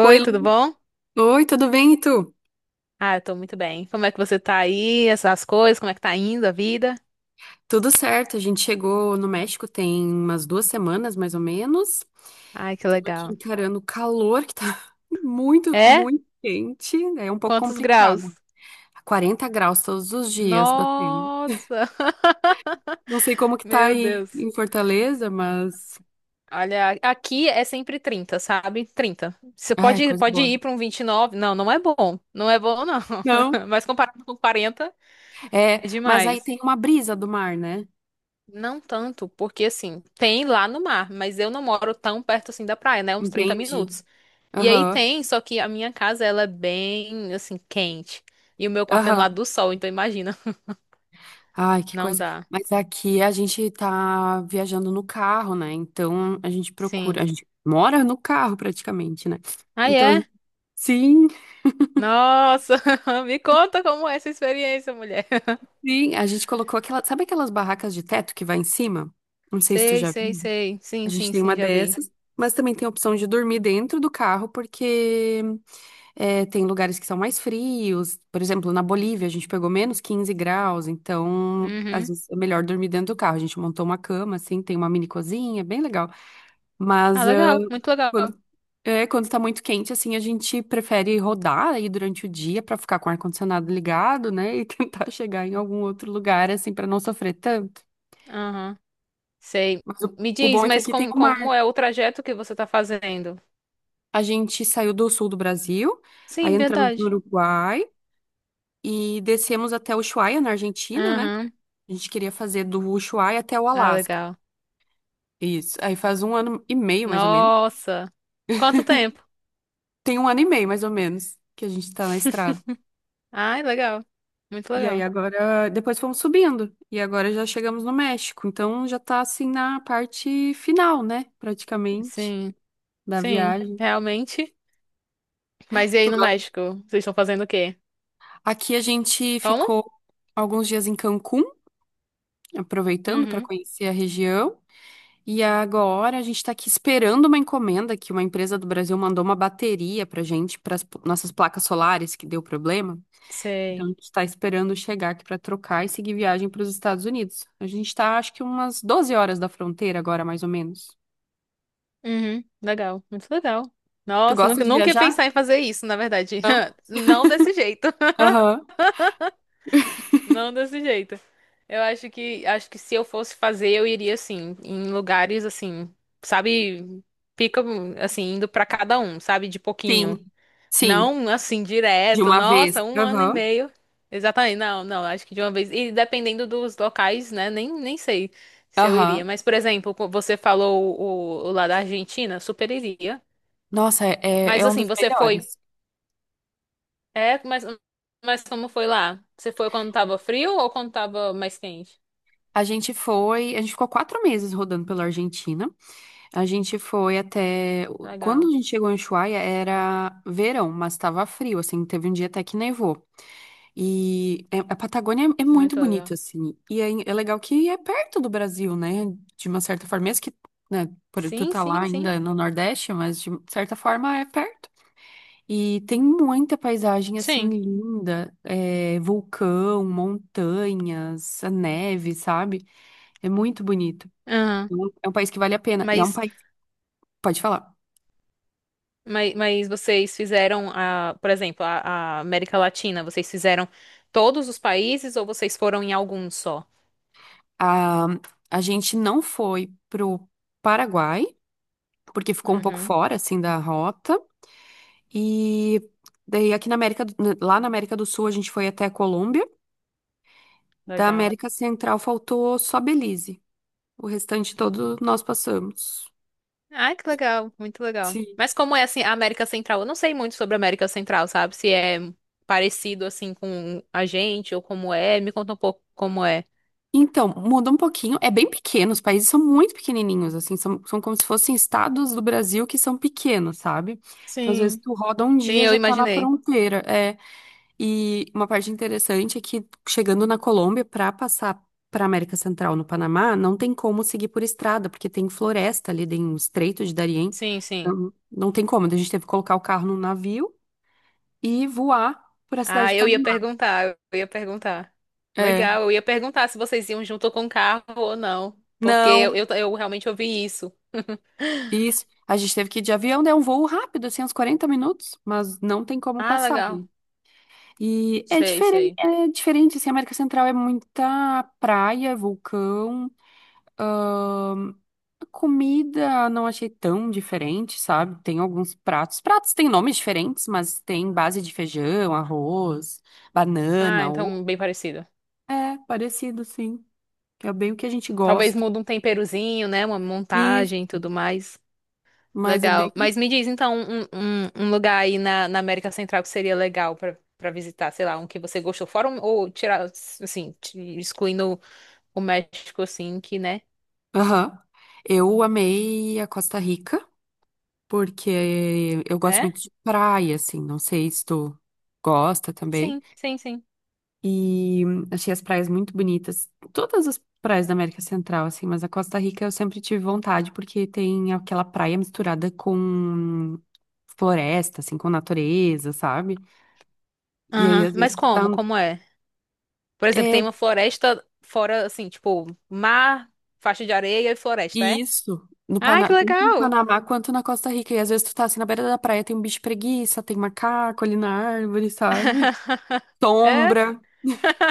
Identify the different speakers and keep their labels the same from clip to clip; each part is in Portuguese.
Speaker 1: Oi,
Speaker 2: tudo
Speaker 1: Lu.
Speaker 2: bom?
Speaker 1: Oi, tudo bem, e tu?
Speaker 2: Ah, eu tô muito bem. Como é que você tá aí? Essas coisas, como é que tá indo a vida?
Speaker 1: Tudo certo, a gente chegou no México tem umas 2 semanas, mais ou menos.
Speaker 2: Ai, que
Speaker 1: Estamos aqui
Speaker 2: legal.
Speaker 1: encarando o calor, que tá muito,
Speaker 2: É?
Speaker 1: muito quente. É um pouco
Speaker 2: Quantos
Speaker 1: complicado.
Speaker 2: graus?
Speaker 1: 40 graus todos os dias batendo.
Speaker 2: Nossa!
Speaker 1: Não sei como que tá
Speaker 2: Meu
Speaker 1: aí
Speaker 2: Deus.
Speaker 1: em Fortaleza, mas...
Speaker 2: Olha, aqui é sempre 30, sabe? 30. Você
Speaker 1: Ai,
Speaker 2: pode,
Speaker 1: coisa
Speaker 2: pode
Speaker 1: boa.
Speaker 2: ir pra um 29? Não, não é bom. Não é bom, não.
Speaker 1: Não?
Speaker 2: Mas comparado com 40,
Speaker 1: É,
Speaker 2: é
Speaker 1: mas aí
Speaker 2: demais.
Speaker 1: tem uma brisa do mar, né?
Speaker 2: Não tanto, porque assim, tem lá no mar, mas eu não moro tão perto assim da praia, né? Uns 30
Speaker 1: Entendi.
Speaker 2: minutos. E aí
Speaker 1: Aham,
Speaker 2: tem, só que a minha casa ela é bem assim quente. E o meu quarto é no lado
Speaker 1: aham.
Speaker 2: do sol, então imagina.
Speaker 1: Ai, que
Speaker 2: Não
Speaker 1: coisa.
Speaker 2: dá.
Speaker 1: Mas aqui a gente tá viajando no carro, né? Então a gente procura, a
Speaker 2: Sim.
Speaker 1: gente mora no carro praticamente, né?
Speaker 2: Ah
Speaker 1: Então, a
Speaker 2: é?
Speaker 1: gente- sim,
Speaker 2: Nossa, me conta como é essa experiência, mulher.
Speaker 1: sim, a gente colocou aquela, sabe aquelas barracas de teto que vai em cima? Não sei se tu
Speaker 2: Sei,
Speaker 1: já
Speaker 2: sei,
Speaker 1: viu.
Speaker 2: sei.
Speaker 1: A
Speaker 2: Sim,
Speaker 1: gente
Speaker 2: sim,
Speaker 1: tem
Speaker 2: sim,
Speaker 1: uma
Speaker 2: já vi.
Speaker 1: dessas, mas também tem a opção de dormir dentro do carro, porque é, tem lugares que são mais frios. Por exemplo, na Bolívia a gente pegou menos 15 graus, então às
Speaker 2: Uhum.
Speaker 1: vezes é melhor dormir dentro do carro. A gente montou uma cama, assim, tem uma mini cozinha, bem legal.
Speaker 2: Ah,
Speaker 1: Mas ah,
Speaker 2: legal, muito legal.
Speaker 1: quando, quando tá muito quente, assim, a gente prefere rodar aí durante o dia pra ficar com o ar-condicionado ligado, né? E tentar chegar em algum outro lugar, assim, pra não sofrer tanto.
Speaker 2: Aham. Sei.
Speaker 1: Mas o,
Speaker 2: Me
Speaker 1: o
Speaker 2: diz,
Speaker 1: bom é que
Speaker 2: mas
Speaker 1: aqui tem
Speaker 2: como,
Speaker 1: o mar.
Speaker 2: como é o trajeto que você tá fazendo?
Speaker 1: A gente saiu do sul do Brasil, aí
Speaker 2: Sim,
Speaker 1: entramos no
Speaker 2: verdade.
Speaker 1: Uruguai e descemos até Ushuaia, na Argentina, né?
Speaker 2: Aham.
Speaker 1: A gente queria fazer do Ushuaia até o
Speaker 2: Ah,
Speaker 1: Alasca.
Speaker 2: legal.
Speaker 1: Isso. Aí faz um ano e meio, mais ou menos.
Speaker 2: Nossa. Quanto tempo?
Speaker 1: Tem um ano e meio, mais ou menos, que a gente tá na estrada.
Speaker 2: Ai, legal. Muito
Speaker 1: E aí
Speaker 2: legal.
Speaker 1: agora, depois fomos subindo. E agora já chegamos no México. Então já tá assim na parte final, né? Praticamente
Speaker 2: Sim.
Speaker 1: da
Speaker 2: Sim,
Speaker 1: viagem.
Speaker 2: realmente. Mas e
Speaker 1: Tu
Speaker 2: aí no
Speaker 1: gosta?
Speaker 2: México? Vocês estão fazendo o quê?
Speaker 1: Aqui a gente
Speaker 2: Como?
Speaker 1: ficou alguns dias em Cancún, aproveitando para
Speaker 2: Uhum.
Speaker 1: conhecer a região. E agora a gente tá aqui esperando uma encomenda que uma empresa do Brasil mandou uma bateria pra gente, para nossas placas solares que deu problema. Então, a
Speaker 2: Sei.
Speaker 1: gente está esperando chegar aqui para trocar e seguir viagem para os Estados Unidos. A gente está, acho que umas 12 horas da fronteira agora, mais ou menos.
Speaker 2: Uhum. Legal, muito legal.
Speaker 1: Tu
Speaker 2: Nossa,
Speaker 1: gosta
Speaker 2: nunca,
Speaker 1: de
Speaker 2: nunca ia
Speaker 1: viajar?
Speaker 2: pensar em fazer isso, na verdade.
Speaker 1: Não?
Speaker 2: Não desse jeito.
Speaker 1: Aham.
Speaker 2: Não desse jeito. Eu acho que se eu fosse fazer, eu iria assim, em lugares assim, sabe, pica assim, indo pra cada um, sabe, de pouquinho.
Speaker 1: Sim. Sim.
Speaker 2: Não, assim,
Speaker 1: De
Speaker 2: direto.
Speaker 1: uma
Speaker 2: Nossa,
Speaker 1: vez.
Speaker 2: um ano e
Speaker 1: Aham.
Speaker 2: meio. Exatamente. Não, não, acho que de uma vez. E dependendo dos locais, né? Nem sei se eu iria.
Speaker 1: Aham.
Speaker 2: Mas, por exemplo, você falou o lá da Argentina, super iria.
Speaker 1: Nossa, é, é
Speaker 2: Mas,
Speaker 1: é um
Speaker 2: assim,
Speaker 1: dos
Speaker 2: você foi.
Speaker 1: melhores.
Speaker 2: É, mas como foi lá? Você foi quando tava frio ou quando tava mais quente?
Speaker 1: A gente ficou 4 meses rodando pela Argentina. A gente foi até. Quando
Speaker 2: Legal.
Speaker 1: a gente chegou em Ushuaia, era verão, mas estava frio, assim, teve um dia até que nevou. A Patagônia é muito
Speaker 2: Muito
Speaker 1: bonita,
Speaker 2: legal.
Speaker 1: assim. E é legal que é perto do Brasil, né? De uma certa forma, mesmo que, né, tu
Speaker 2: Sim,
Speaker 1: tá lá
Speaker 2: sim, sim.
Speaker 1: ainda no Nordeste, mas de certa forma é perto. E tem muita paisagem, assim,
Speaker 2: Sim.
Speaker 1: linda. É, vulcão, montanhas, a neve, sabe? É muito bonito.
Speaker 2: Aham.
Speaker 1: Então, é um país que vale a pena. E é um
Speaker 2: Mas
Speaker 1: país... Pode falar.
Speaker 2: mas vocês fizeram, a, por exemplo, a América Latina, vocês fizeram todos os países ou vocês foram em algum só?
Speaker 1: A, a gente não foi pro Paraguai, porque ficou um pouco
Speaker 2: Uhum,
Speaker 1: fora, assim, da rota. E daí aqui na América, lá na América do Sul a gente foi até a Colômbia. Da
Speaker 2: legal.
Speaker 1: América Central faltou só Belize. O restante todo nós passamos.
Speaker 2: Ai, que legal, muito legal.
Speaker 1: Sim.
Speaker 2: Mas como é assim, a América Central? Eu não sei muito sobre a América Central, sabe? Se é parecido assim com a gente ou como é. Me conta um pouco como é.
Speaker 1: Então, muda um pouquinho. É bem pequeno, os países são muito pequenininhos, assim, são como se fossem estados do Brasil que são pequenos, sabe? Então, às vezes,
Speaker 2: Sim,
Speaker 1: tu roda um
Speaker 2: sim,
Speaker 1: dia,
Speaker 2: eu
Speaker 1: já tá na
Speaker 2: imaginei.
Speaker 1: fronteira. É. E uma parte interessante é que chegando na Colômbia, para passar para América Central no Panamá, não tem como seguir por estrada, porque tem floresta ali, tem um estreito de Darién.
Speaker 2: Sim, sim.
Speaker 1: Não, não tem como. Então, a gente teve que colocar o carro num navio e voar por a cidade
Speaker 2: Ah,
Speaker 1: de
Speaker 2: eu ia
Speaker 1: Panamá.
Speaker 2: perguntar, eu ia perguntar.
Speaker 1: É,
Speaker 2: Legal, eu ia perguntar se vocês iam junto com o carro ou não, porque eu,
Speaker 1: não,
Speaker 2: eu, eu realmente ouvi isso.
Speaker 1: isso. A gente teve que ir de avião, né? Um voo rápido, assim, uns 40 minutos, mas não tem como
Speaker 2: Ah,
Speaker 1: passar,
Speaker 2: legal.
Speaker 1: né? E
Speaker 2: Sei, sei.
Speaker 1: é diferente, assim, a América Central é muita praia, vulcão. Comida não achei tão diferente, sabe? Tem alguns pratos. Pratos têm nomes diferentes, mas tem base de feijão, arroz,
Speaker 2: Ah,
Speaker 1: banana, ou...
Speaker 2: então bem parecido.
Speaker 1: É, parecido, sim. Que é bem o que a gente
Speaker 2: Talvez
Speaker 1: gosta.
Speaker 2: mude um temperozinho, né? Uma
Speaker 1: Isso,
Speaker 2: montagem e tudo mais.
Speaker 1: mas é
Speaker 2: Legal.
Speaker 1: bem.
Speaker 2: Mas me diz então um lugar aí na América Central que seria legal pra para visitar, sei lá, um que você gostou, fora um, ou tirar, assim, excluindo o México, assim, que, né?
Speaker 1: Aham. Eu amei a Costa Rica, porque eu gosto
Speaker 2: É?
Speaker 1: muito de praia, assim. Não sei se tu gosta também.
Speaker 2: Sim, sim, sim.
Speaker 1: E achei as praias muito bonitas. Todas as praias da América Central, assim, mas a Costa Rica eu sempre tive vontade, porque tem aquela praia misturada com floresta, assim, com natureza, sabe? E aí,
Speaker 2: Aham.
Speaker 1: às
Speaker 2: Mas
Speaker 1: vezes, tu tá...
Speaker 2: como? Como é? Por exemplo,
Speaker 1: É
Speaker 2: tem uma floresta fora, assim, tipo, mar, faixa de areia e floresta, é?
Speaker 1: isso.
Speaker 2: Ah, que
Speaker 1: Tanto no
Speaker 2: legal!
Speaker 1: Panamá quanto na Costa Rica. E às vezes tu tá assim na beira da praia, tem um bicho preguiça, tem macaco ali na árvore, sabe?
Speaker 2: É?
Speaker 1: Sombra,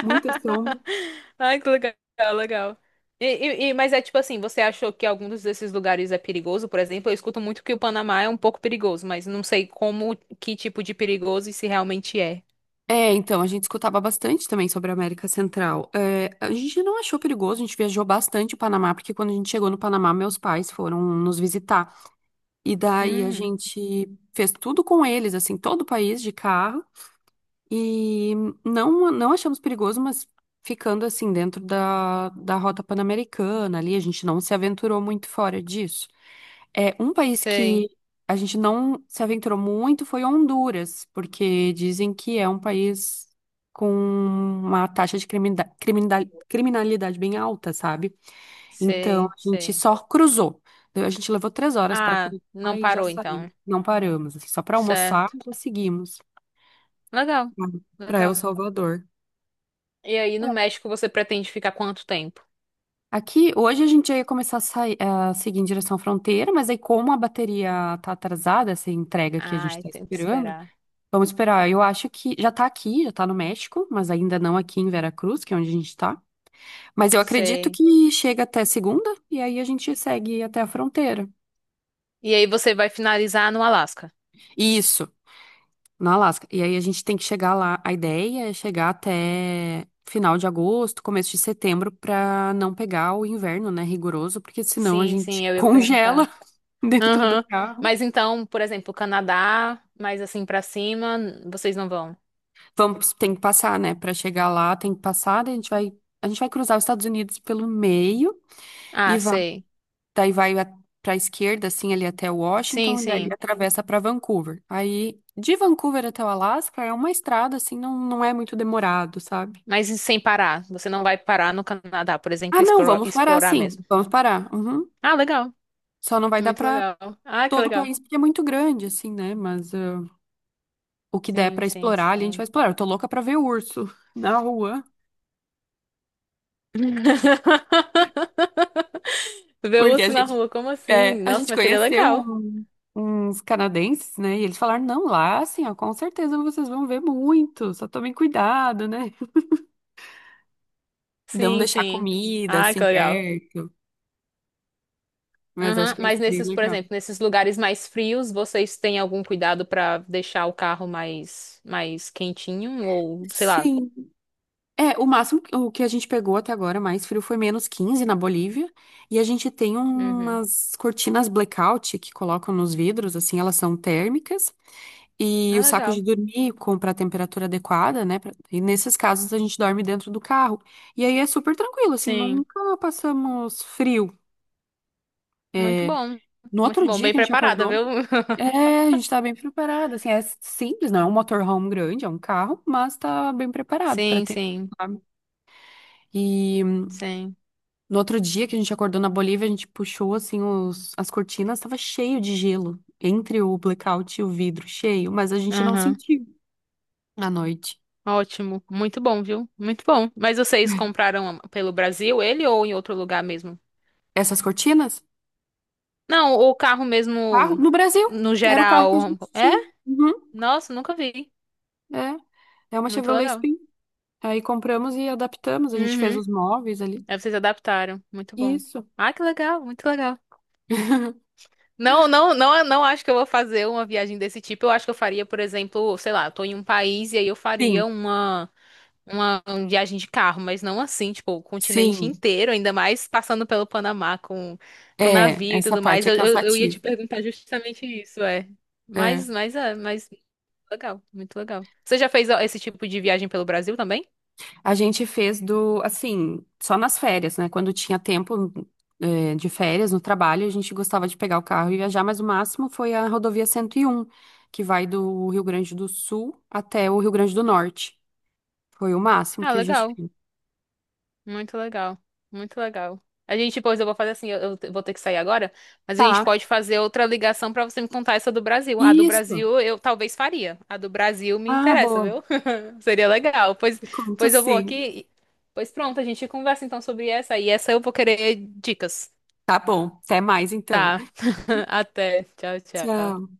Speaker 1: muita sombra.
Speaker 2: Ai, que legal, legal. Mas é tipo assim, você achou que alguns desses lugares é perigoso? Por exemplo, eu escuto muito que o Panamá é um pouco perigoso, mas não sei como, que tipo de perigoso e se realmente é.
Speaker 1: É, então, a gente escutava bastante também sobre a América Central. É, a gente não achou perigoso, a gente viajou bastante o Panamá, porque quando a gente chegou no Panamá, meus pais foram nos visitar. E daí a
Speaker 2: Hum,
Speaker 1: gente fez tudo com eles, assim, todo o país de carro. E não, não achamos perigoso, mas ficando assim dentro da rota pan-americana ali, a gente não se aventurou muito fora disso. É, um país
Speaker 2: sei,
Speaker 1: que a gente não se aventurou muito foi Honduras, porque dizem que é um país com uma taxa de criminalidade, criminalidade bem alta, sabe? Então
Speaker 2: sei,
Speaker 1: a gente
Speaker 2: sei.
Speaker 1: só cruzou. A gente levou 3 horas para
Speaker 2: Ah,
Speaker 1: cruzar
Speaker 2: não
Speaker 1: e já
Speaker 2: parou
Speaker 1: saímos.
Speaker 2: então.
Speaker 1: Não paramos, assim, só para almoçar,
Speaker 2: Certo.
Speaker 1: já seguimos
Speaker 2: Legal,
Speaker 1: para El
Speaker 2: legal.
Speaker 1: Salvador.
Speaker 2: E aí, no México, você pretende ficar quanto tempo?
Speaker 1: Aqui, hoje a gente já ia começar a seguir em direção à fronteira, mas aí como a bateria tá atrasada, essa entrega que a gente
Speaker 2: Ai,
Speaker 1: tá
Speaker 2: tem que
Speaker 1: esperando,
Speaker 2: esperar.
Speaker 1: vamos esperar. Eu acho que já tá aqui, já tá no México, mas ainda não aqui em Veracruz, que é onde a gente tá. Mas eu acredito
Speaker 2: Sei.
Speaker 1: que chega até segunda e aí a gente segue até a fronteira.
Speaker 2: E aí, você vai finalizar no Alasca?
Speaker 1: Isso, no Alasca. E aí a gente tem que chegar lá. A ideia é chegar até final de agosto, começo de setembro, pra não pegar o inverno, né, rigoroso, porque senão a
Speaker 2: Sim,
Speaker 1: gente
Speaker 2: sim, eu ia
Speaker 1: congela.
Speaker 2: perguntar.
Speaker 1: dentro do
Speaker 2: Aham.
Speaker 1: carro.
Speaker 2: Mas então, por exemplo, Canadá, mais assim pra cima, vocês não vão?
Speaker 1: Vamos, tem que passar, né? Para chegar lá, tem que passar, daí a gente vai cruzar os Estados Unidos pelo meio
Speaker 2: Ah,
Speaker 1: e vai,
Speaker 2: sei.
Speaker 1: daí vai para a esquerda, assim, ali até
Speaker 2: Sim,
Speaker 1: Washington, e daí
Speaker 2: sim.
Speaker 1: atravessa para Vancouver. Aí, de Vancouver até o Alasca é uma estrada, assim, não, não é muito demorado, sabe?
Speaker 2: Mas e sem parar. Você não vai parar no Canadá, por exemplo,
Speaker 1: Ah, não, vamos parar,
Speaker 2: explorar
Speaker 1: sim,
Speaker 2: mesmo.
Speaker 1: vamos parar. Uhum.
Speaker 2: Ah, legal.
Speaker 1: Só não vai dar
Speaker 2: Muito
Speaker 1: para
Speaker 2: legal. Ah, que
Speaker 1: todo o
Speaker 2: legal.
Speaker 1: país porque é muito grande, assim, né? Mas ah, o que der
Speaker 2: Sim,
Speaker 1: para
Speaker 2: sim,
Speaker 1: explorar, ali a gente vai
Speaker 2: sim.
Speaker 1: explorar. Eu tô louca para ver o urso na rua.
Speaker 2: Ver
Speaker 1: Porque a
Speaker 2: urso na
Speaker 1: gente,
Speaker 2: rua, como assim?
Speaker 1: é, a
Speaker 2: Nossa,
Speaker 1: gente
Speaker 2: mas seria
Speaker 1: conheceu
Speaker 2: legal.
Speaker 1: uns canadenses, né? E eles falaram, não, lá, assim, ó, com certeza vocês vão ver muito, só tomem cuidado, né? Não
Speaker 2: Sim,
Speaker 1: deixar
Speaker 2: sim.
Speaker 1: comida,
Speaker 2: Ai,
Speaker 1: assim,
Speaker 2: que legal.
Speaker 1: perto. Mas acho
Speaker 2: Aham,
Speaker 1: que vai
Speaker 2: mas
Speaker 1: ser bem
Speaker 2: nesses, por
Speaker 1: legal.
Speaker 2: exemplo, nesses lugares mais frios, vocês têm algum cuidado pra deixar o carro mais quentinho ou sei lá?
Speaker 1: Sim, é, o máximo o que a gente pegou até agora mais frio foi -15 na Bolívia. E a gente tem
Speaker 2: Uhum.
Speaker 1: umas cortinas blackout que colocam nos vidros, assim, elas são térmicas. E
Speaker 2: Ah,
Speaker 1: o saco de
Speaker 2: legal.
Speaker 1: dormir com para temperatura adequada, né? E nesses casos a gente dorme dentro do carro. E aí é super tranquilo, assim,
Speaker 2: Sim,
Speaker 1: nunca passamos frio.
Speaker 2: muito
Speaker 1: É,
Speaker 2: bom.
Speaker 1: no
Speaker 2: Muito
Speaker 1: outro
Speaker 2: bom,
Speaker 1: dia
Speaker 2: bem
Speaker 1: que a gente
Speaker 2: preparada,
Speaker 1: acordou,
Speaker 2: viu?
Speaker 1: é, a gente tá bem preparado, assim, é simples, não é um motorhome grande, é um carro, mas tá bem preparado para
Speaker 2: Sim,
Speaker 1: ter.
Speaker 2: sim,
Speaker 1: Sabe? E
Speaker 2: sim.
Speaker 1: no outro dia que a gente acordou na Bolívia, a gente puxou assim as cortinas, estava cheio de gelo entre o blackout e o vidro, cheio, mas a gente não
Speaker 2: Aham.
Speaker 1: sentiu à noite.
Speaker 2: Ótimo, muito bom, viu? Muito bom. Mas vocês compraram pelo Brasil ele ou em outro lugar mesmo?
Speaker 1: Essas cortinas?
Speaker 2: Não, o carro
Speaker 1: Carro
Speaker 2: mesmo
Speaker 1: no Brasil.
Speaker 2: no
Speaker 1: Era o carro que a
Speaker 2: geral.
Speaker 1: gente
Speaker 2: É?
Speaker 1: tinha. Uhum,
Speaker 2: Nossa, nunca vi.
Speaker 1: é. É uma
Speaker 2: Muito
Speaker 1: Chevrolet
Speaker 2: legal.
Speaker 1: Spin. Aí compramos e adaptamos, a gente fez
Speaker 2: Uhum.
Speaker 1: os móveis ali.
Speaker 2: Aí vocês adaptaram. Muito bom.
Speaker 1: Isso.
Speaker 2: Ah, que legal, muito legal. Não, não, não, não acho que eu vou fazer uma viagem desse tipo. Eu acho que eu faria, por exemplo, sei lá, eu tô em um país e aí eu
Speaker 1: Sim,
Speaker 2: faria uma viagem de carro, mas não assim, tipo, o continente
Speaker 1: sim.
Speaker 2: inteiro, ainda mais passando pelo Panamá com
Speaker 1: É,
Speaker 2: navio e
Speaker 1: essa
Speaker 2: tudo mais.
Speaker 1: parte é
Speaker 2: Eu ia
Speaker 1: cansativa.
Speaker 2: te perguntar justamente isso, é. Mas,
Speaker 1: É.
Speaker 2: mas, é, mas legal, muito legal. Você já fez ó, esse tipo de viagem pelo Brasil também?
Speaker 1: A gente fez do, assim, só nas férias, né? Quando tinha tempo, de férias no trabalho, a gente gostava de pegar o carro e viajar, mas o máximo foi a rodovia 101 que vai do Rio Grande do Sul até o Rio Grande do Norte. Foi o máximo
Speaker 2: Ah,
Speaker 1: que a gente
Speaker 2: legal.
Speaker 1: fez.
Speaker 2: Muito legal. Muito legal. A gente, depois eu vou fazer assim, eu vou ter que sair agora, mas a gente
Speaker 1: Tá.
Speaker 2: pode fazer outra ligação pra você me contar essa do Brasil. A do
Speaker 1: Isso.
Speaker 2: Brasil eu talvez faria. A do Brasil me
Speaker 1: Ah,
Speaker 2: interessa,
Speaker 1: boa.
Speaker 2: viu? Seria legal. Pois,
Speaker 1: Me conto
Speaker 2: pois eu vou
Speaker 1: sim.
Speaker 2: aqui. Pois pronto, a gente conversa então sobre essa e essa eu vou querer dicas.
Speaker 1: Tá bom. Até mais então.
Speaker 2: Tá. Até. Tchau, tchau.
Speaker 1: Tchau.